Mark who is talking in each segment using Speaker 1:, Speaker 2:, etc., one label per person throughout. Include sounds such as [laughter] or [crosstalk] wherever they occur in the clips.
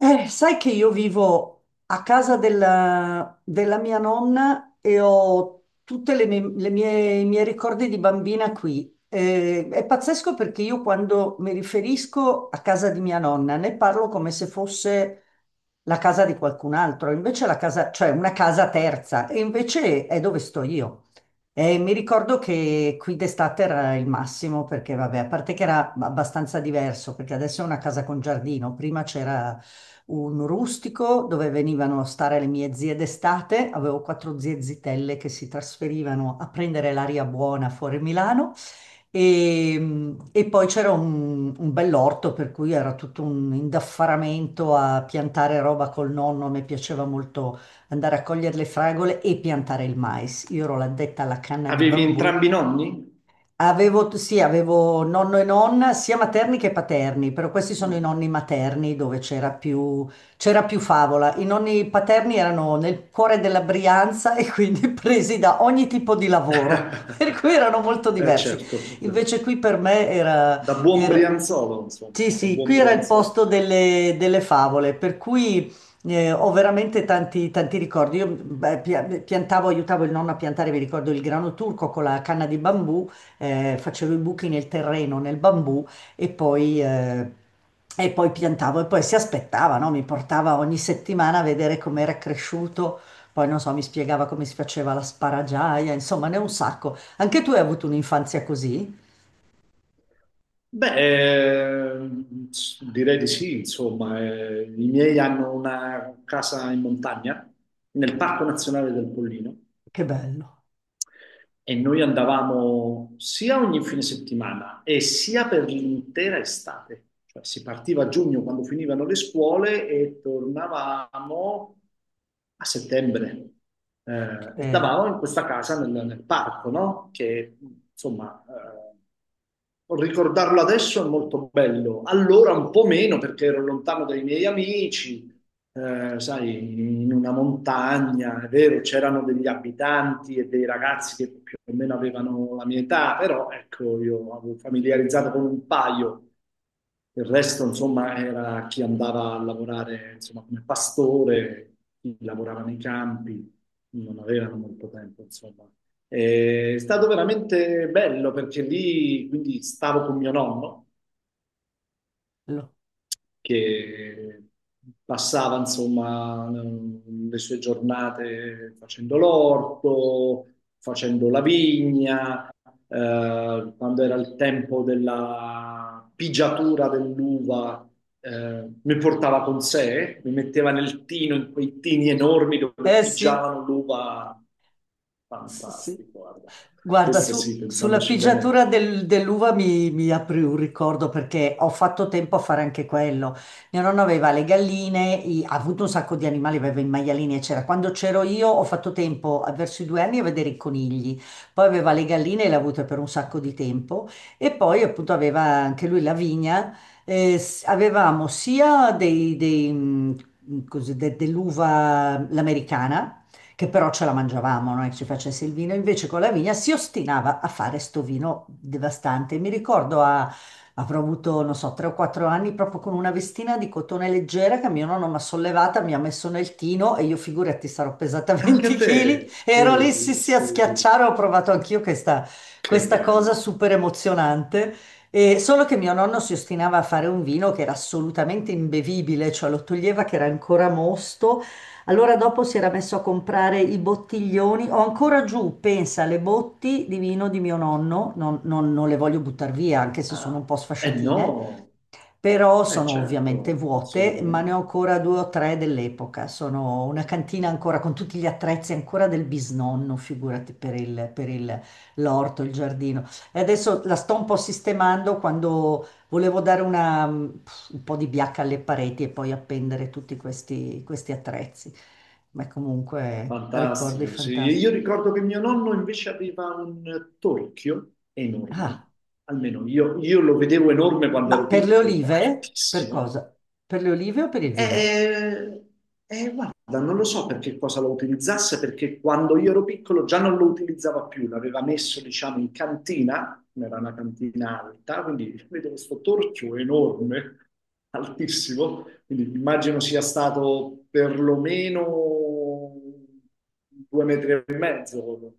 Speaker 1: Sai che io vivo a casa della mia nonna e ho tutti i miei ricordi di bambina qui. È pazzesco perché io quando mi riferisco a casa di mia nonna ne parlo come se fosse la casa di qualcun altro, invece la casa, cioè una casa terza, e invece è dove sto io. Mi ricordo che qui d'estate era il massimo perché, vabbè, a parte che era abbastanza diverso, perché adesso è una casa con giardino, prima c'era un rustico dove venivano a stare le mie zie d'estate. Avevo quattro zie zitelle che si trasferivano a prendere l'aria buona fuori Milano. E poi c'era un bell'orto per cui era tutto un indaffaramento a piantare roba col nonno. Mi piaceva molto andare a cogliere le fragole e piantare il mais. Io ero l'addetta alla canna di
Speaker 2: Avevi
Speaker 1: bambù.
Speaker 2: entrambi i nonni?
Speaker 1: Avevo, sì, avevo nonno e nonna, sia materni che paterni, però questi sono i
Speaker 2: Mm.
Speaker 1: nonni materni dove c'era più favola. I nonni paterni erano nel cuore della Brianza e quindi [laughs] presi da ogni tipo di lavoro, [laughs] per
Speaker 2: [laughs]
Speaker 1: cui erano molto
Speaker 2: Eh
Speaker 1: diversi.
Speaker 2: certo,
Speaker 1: Invece qui per me
Speaker 2: da buon
Speaker 1: era-
Speaker 2: brianzolo, insomma,
Speaker 1: sì,
Speaker 2: da
Speaker 1: sì,
Speaker 2: buon
Speaker 1: qui era il
Speaker 2: brianzolo.
Speaker 1: posto delle favole, per cui ho veramente tanti, tanti ricordi. Io beh, piantavo, aiutavo il nonno a piantare, mi ricordo il grano turco con la canna di bambù. Facevo i buchi nel terreno, nel bambù. E poi, eh, e poi piantavo e poi si aspettava, no? Mi portava ogni settimana a vedere com'era cresciuto, poi non so, mi spiegava come si faceva la sparagiaia, insomma, ne ho un sacco. Anche tu hai avuto un'infanzia così?
Speaker 2: Beh, direi di sì, insomma, i miei hanno una casa in montagna, nel Parco Nazionale del Pollino.
Speaker 1: Che bello.
Speaker 2: E noi andavamo sia ogni fine settimana e sia per l'intera estate. Cioè, si partiva a giugno quando finivano le scuole e tornavamo a settembre. E
Speaker 1: Eh,
Speaker 2: stavamo in questa casa nel parco, no? Che insomma, ricordarlo adesso è molto bello. Allora un po' meno perché ero lontano dai miei amici, sai, in una montagna, è vero, c'erano degli abitanti e dei ragazzi che più o meno avevano la mia età, però ecco, io avevo familiarizzato con un paio. Il resto, insomma, era chi andava a lavorare, insomma, come pastore, chi lavorava nei campi, non avevano molto tempo, insomma. È stato veramente bello perché lì, quindi, stavo con mio nonno
Speaker 1: bello.
Speaker 2: che passava insomma le sue giornate facendo l'orto, facendo la vigna, quando era il tempo della pigiatura dell'uva, mi portava con sé, mi metteva nel tino, in quei tini enormi dove
Speaker 1: Eh sì,
Speaker 2: pigiavano l'uva.
Speaker 1: sì, sì.
Speaker 2: Fantastico, guarda.
Speaker 1: Guarda,
Speaker 2: Questo sì,
Speaker 1: sulla
Speaker 2: pensandoci
Speaker 1: pigiatura
Speaker 2: bene,
Speaker 1: dell'uva mi apri un ricordo perché ho fatto tempo a fare anche quello. Mio nonno aveva le galline, ha avuto un sacco di animali, aveva i maialini, eccetera. Quando c'ero io ho fatto tempo, verso i 2 anni, a vedere i conigli. Poi aveva le galline e le ha avute per un sacco di tempo. E poi appunto aveva anche lui la vigna. Avevamo sia dei, così, dell'uva l'americana che però ce la mangiavamo, non è che ci facesse il vino. Invece con la vigna si ostinava a fare sto vino devastante. Mi ricordo, avrò avuto, non so, 3 o 4 anni proprio con una vestina di cotone leggera che mio nonno mi ha sollevata, mi ha messo nel tino e io figurati sarò pesata [laughs]
Speaker 2: anche
Speaker 1: 20
Speaker 2: a
Speaker 1: kg.
Speaker 2: te.
Speaker 1: Ero lì, sì,
Speaker 2: Sì,
Speaker 1: sì, a
Speaker 2: sì,
Speaker 1: schiacciare, ho provato anch'io questa,
Speaker 2: che
Speaker 1: questa cosa
Speaker 2: bello.
Speaker 1: super emozionante. E solo che mio nonno si ostinava a fare un vino che era assolutamente imbevibile, cioè lo toglieva che era ancora mosto. Allora dopo si era messo a comprare i bottiglioni, ho ancora giù, pensa, le botti di vino di mio nonno, non le voglio buttare via, anche se sono un
Speaker 2: Ah,
Speaker 1: po'
Speaker 2: eh
Speaker 1: sfasciatine,
Speaker 2: no,
Speaker 1: però
Speaker 2: eh
Speaker 1: sono ovviamente
Speaker 2: certo,
Speaker 1: vuote, ma ne ho
Speaker 2: assolutamente.
Speaker 1: ancora due o tre dell'epoca. Sono una cantina ancora con tutti gli attrezzi ancora del bisnonno, figurati l'orto, il giardino. E adesso la sto un po' sistemando quando volevo dare un po' di biacca alle pareti e poi appendere tutti questi attrezzi. Ma comunque ricordi
Speaker 2: Fantastico, sì.
Speaker 1: fantastici.
Speaker 2: Io ricordo che mio nonno invece aveva un torchio
Speaker 1: Ah,
Speaker 2: enorme, almeno io, lo vedevo enorme quando
Speaker 1: ma
Speaker 2: ero
Speaker 1: per le
Speaker 2: piccolo,
Speaker 1: olive? Per
Speaker 2: altissimo.
Speaker 1: cosa? Per le olive o per il vino?
Speaker 2: E, e guarda, non lo so per che cosa lo utilizzasse, perché quando io ero piccolo già non lo utilizzava più, l'aveva messo, diciamo, in cantina, era una cantina alta, quindi [laughs] vedo questo torchio enorme, altissimo, quindi immagino sia stato perlomeno 2,5 m,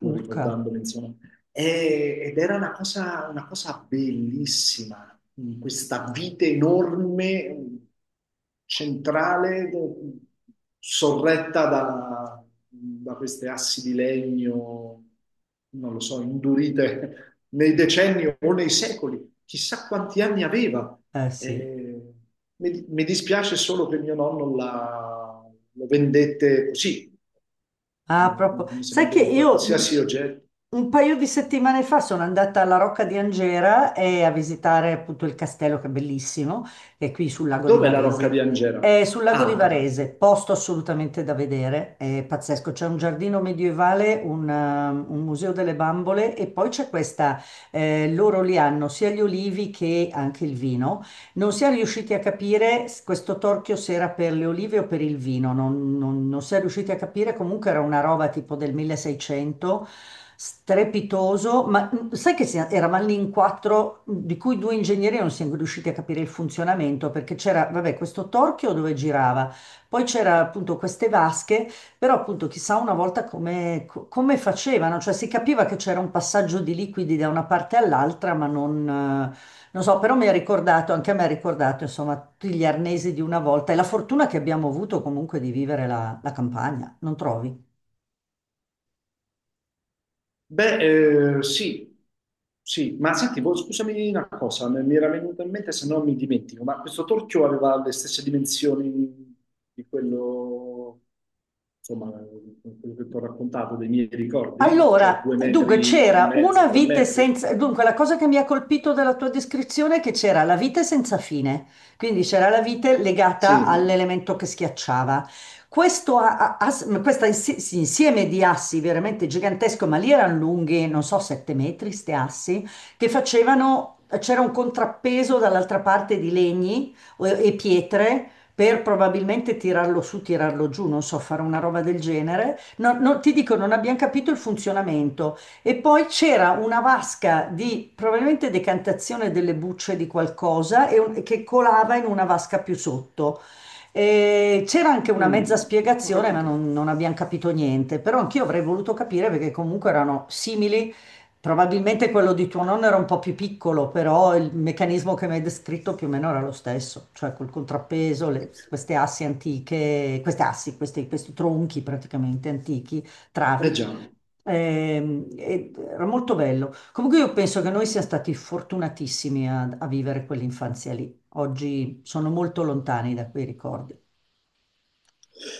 Speaker 2: non
Speaker 1: Urca.
Speaker 2: ricordandomi, insomma. Ed era una cosa bellissima, questa vite enorme, centrale, sorretta da queste assi di legno, non lo so, indurite nei decenni o nei secoli, chissà quanti anni aveva.
Speaker 1: Eh sì.
Speaker 2: Eh, mi dispiace solo che mio nonno lo vendette così,
Speaker 1: Ah,
Speaker 2: come,
Speaker 1: proprio.
Speaker 2: come se
Speaker 1: Sai
Speaker 2: vende
Speaker 1: che
Speaker 2: un
Speaker 1: io
Speaker 2: qualsiasi oggetto.
Speaker 1: un paio di settimane fa sono andata alla Rocca di Angera e a visitare appunto il castello, che è bellissimo, che è qui sul lago di
Speaker 2: Dov'è la Rocca di
Speaker 1: Varese.
Speaker 2: Angera?
Speaker 1: È sul lago di
Speaker 2: Ah, ok.
Speaker 1: Varese, posto assolutamente da vedere, è pazzesco. C'è un giardino medievale, un museo delle bambole e poi c'è questa, loro li hanno sia gli olivi che anche il vino. Non si è riusciti a capire questo torchio se era per le olive o per il vino, non si è riusciti a capire, comunque era una roba tipo del 1600, strepitoso, ma sai che eravamo lì in quattro, di cui due ingegneri non siamo riusciti a capire il funzionamento, perché c'era, vabbè, questo torchio dove girava, poi c'era appunto queste vasche, però appunto chissà una volta come facevano, cioè si capiva che c'era un passaggio di liquidi da una parte all'altra, ma non. Non so, però mi ha ricordato, anche a me ha ricordato, insomma, tutti gli arnesi di una volta e la fortuna che abbiamo avuto comunque di vivere la campagna, non trovi?
Speaker 2: Beh, sì, sì, ma senti, boh, scusami una cosa, mi era venuta in mente se no mi dimentico, ma questo torchio aveva le stesse dimensioni di quello, insomma, quello che ti ho raccontato dei miei ricordi, cioè
Speaker 1: Allora,
Speaker 2: due
Speaker 1: dunque
Speaker 2: metri e
Speaker 1: c'era
Speaker 2: mezzo,
Speaker 1: una
Speaker 2: tre
Speaker 1: vite
Speaker 2: metri?
Speaker 1: senza. Dunque, la cosa che mi ha colpito della tua descrizione è che c'era la vite senza fine, quindi c'era la vite legata
Speaker 2: Sì.
Speaker 1: all'elemento che schiacciava. Questo a- a- as- questa insi- sì, insieme di assi veramente gigantesco, ma lì erano lunghi, non so, 7 metri, ste assi, che facevano. C'era un contrappeso dall'altra parte di legni e pietre per probabilmente tirarlo su, tirarlo giù, non so, fare una roba del genere, ti dico, non abbiamo capito il funzionamento. E poi c'era una vasca di probabilmente decantazione delle bucce di qualcosa che colava in una vasca più sotto. E c'era anche una mezza
Speaker 2: Mm, ho
Speaker 1: spiegazione, ma
Speaker 2: capito.
Speaker 1: non abbiamo capito niente. Però anch'io avrei voluto capire perché comunque erano simili. Probabilmente quello di tuo nonno era un po' più piccolo, però il meccanismo che mi hai descritto più o meno era lo stesso, cioè col contrappeso, queste assi antiche, queste assi, questi tronchi praticamente antichi,
Speaker 2: Eh
Speaker 1: travi.
Speaker 2: già.
Speaker 1: Era molto bello. Comunque io penso che noi siamo stati fortunatissimi a vivere quell'infanzia lì. Oggi sono molto lontani da quei ricordi,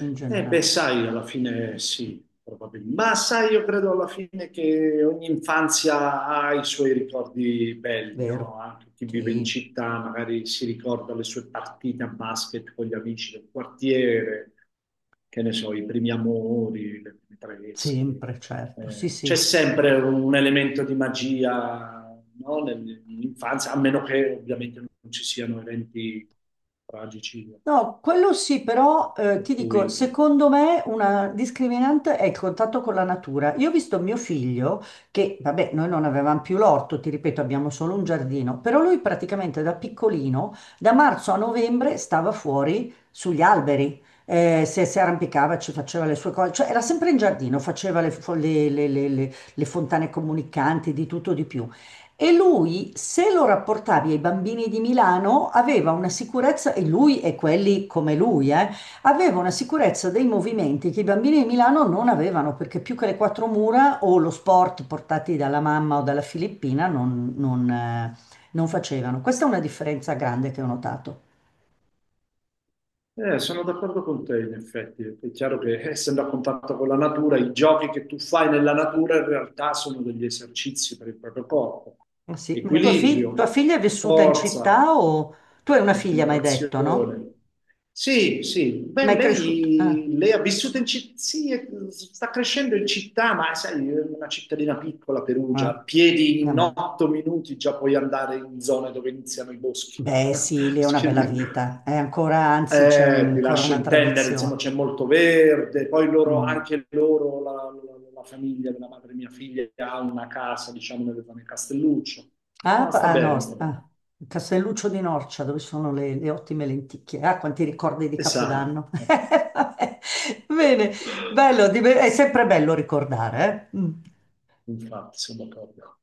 Speaker 1: in
Speaker 2: Eh beh,
Speaker 1: generale.
Speaker 2: sai, alla fine sì, probabilmente. Ma sai, io credo alla fine che ogni infanzia ha i suoi ricordi belli, no?
Speaker 1: Vero?
Speaker 2: Anche chi vive in
Speaker 1: Sì,
Speaker 2: città magari si ricorda le sue partite a basket con gli amici del quartiere, che ne so, i primi amori, le prime tresche.
Speaker 1: sempre, certo. Sì, sì.
Speaker 2: C'è sempre un elemento di magia, no? Nell'infanzia, a meno che ovviamente non ci siano eventi tragici,
Speaker 1: No, quello sì, però
Speaker 2: per
Speaker 1: ti
Speaker 2: cui...
Speaker 1: dico, secondo me una discriminante è il contatto con la natura. Io ho visto mio figlio che, vabbè, noi non avevamo più l'orto, ti ripeto, abbiamo solo un giardino, però lui praticamente da piccolino, da marzo a novembre, stava fuori sugli alberi, si arrampicava, ci faceva le sue cose, cioè era sempre in giardino, faceva le, fo- le fontane comunicanti, di tutto di più. E lui, se lo rapportavi ai bambini di Milano, aveva una sicurezza, e lui e quelli come lui, aveva una sicurezza dei movimenti che i bambini di Milano non avevano, perché più che le quattro mura o lo sport portati dalla mamma o dalla Filippina non facevano. Questa è una differenza grande che ho notato.
Speaker 2: Sono d'accordo con te, in effetti. È chiaro che essendo a contatto con la natura, i giochi che tu fai nella natura in realtà sono degli esercizi per il proprio corpo.
Speaker 1: Ah, sì. Ma tua
Speaker 2: Equilibrio,
Speaker 1: figlia è vissuta in
Speaker 2: forza,
Speaker 1: città o. Tu hai una figlia, mi hai detto, no?
Speaker 2: concentrazione. Sì, sì.
Speaker 1: Ma
Speaker 2: Beh,
Speaker 1: è cresciuta. Ah,
Speaker 2: lei ha vissuto in città, sì, sta crescendo in città, ma sai, è una cittadina piccola, Perugia, a
Speaker 1: ah,
Speaker 2: piedi in
Speaker 1: vabbè.
Speaker 2: 8 minuti già puoi andare in zone dove iniziano i boschi.
Speaker 1: Beh, sì, lì è
Speaker 2: [laughs]
Speaker 1: una bella
Speaker 2: Quindi...
Speaker 1: vita. È ancora, anzi, c'è
Speaker 2: Ti
Speaker 1: ancora
Speaker 2: lascio
Speaker 1: una
Speaker 2: intendere, insomma,
Speaker 1: tradizione.
Speaker 2: c'è molto verde, poi loro,
Speaker 1: Mm.
Speaker 2: anche loro, la famiglia della madre di mia figlia ha una casa, diciamo, nel Castelluccio.
Speaker 1: Ah,
Speaker 2: No, sta
Speaker 1: ah,
Speaker 2: bene,
Speaker 1: no,
Speaker 2: sta bene.
Speaker 1: ah, Castelluccio di Norcia, dove sono le ottime lenticchie. Ah, quanti ricordi di
Speaker 2: E sa,
Speaker 1: Capodanno. [laughs]
Speaker 2: [laughs]
Speaker 1: Vabbè. Bene, bello, è sempre bello ricordare, eh? Mm.
Speaker 2: infatti, sono d'accordo.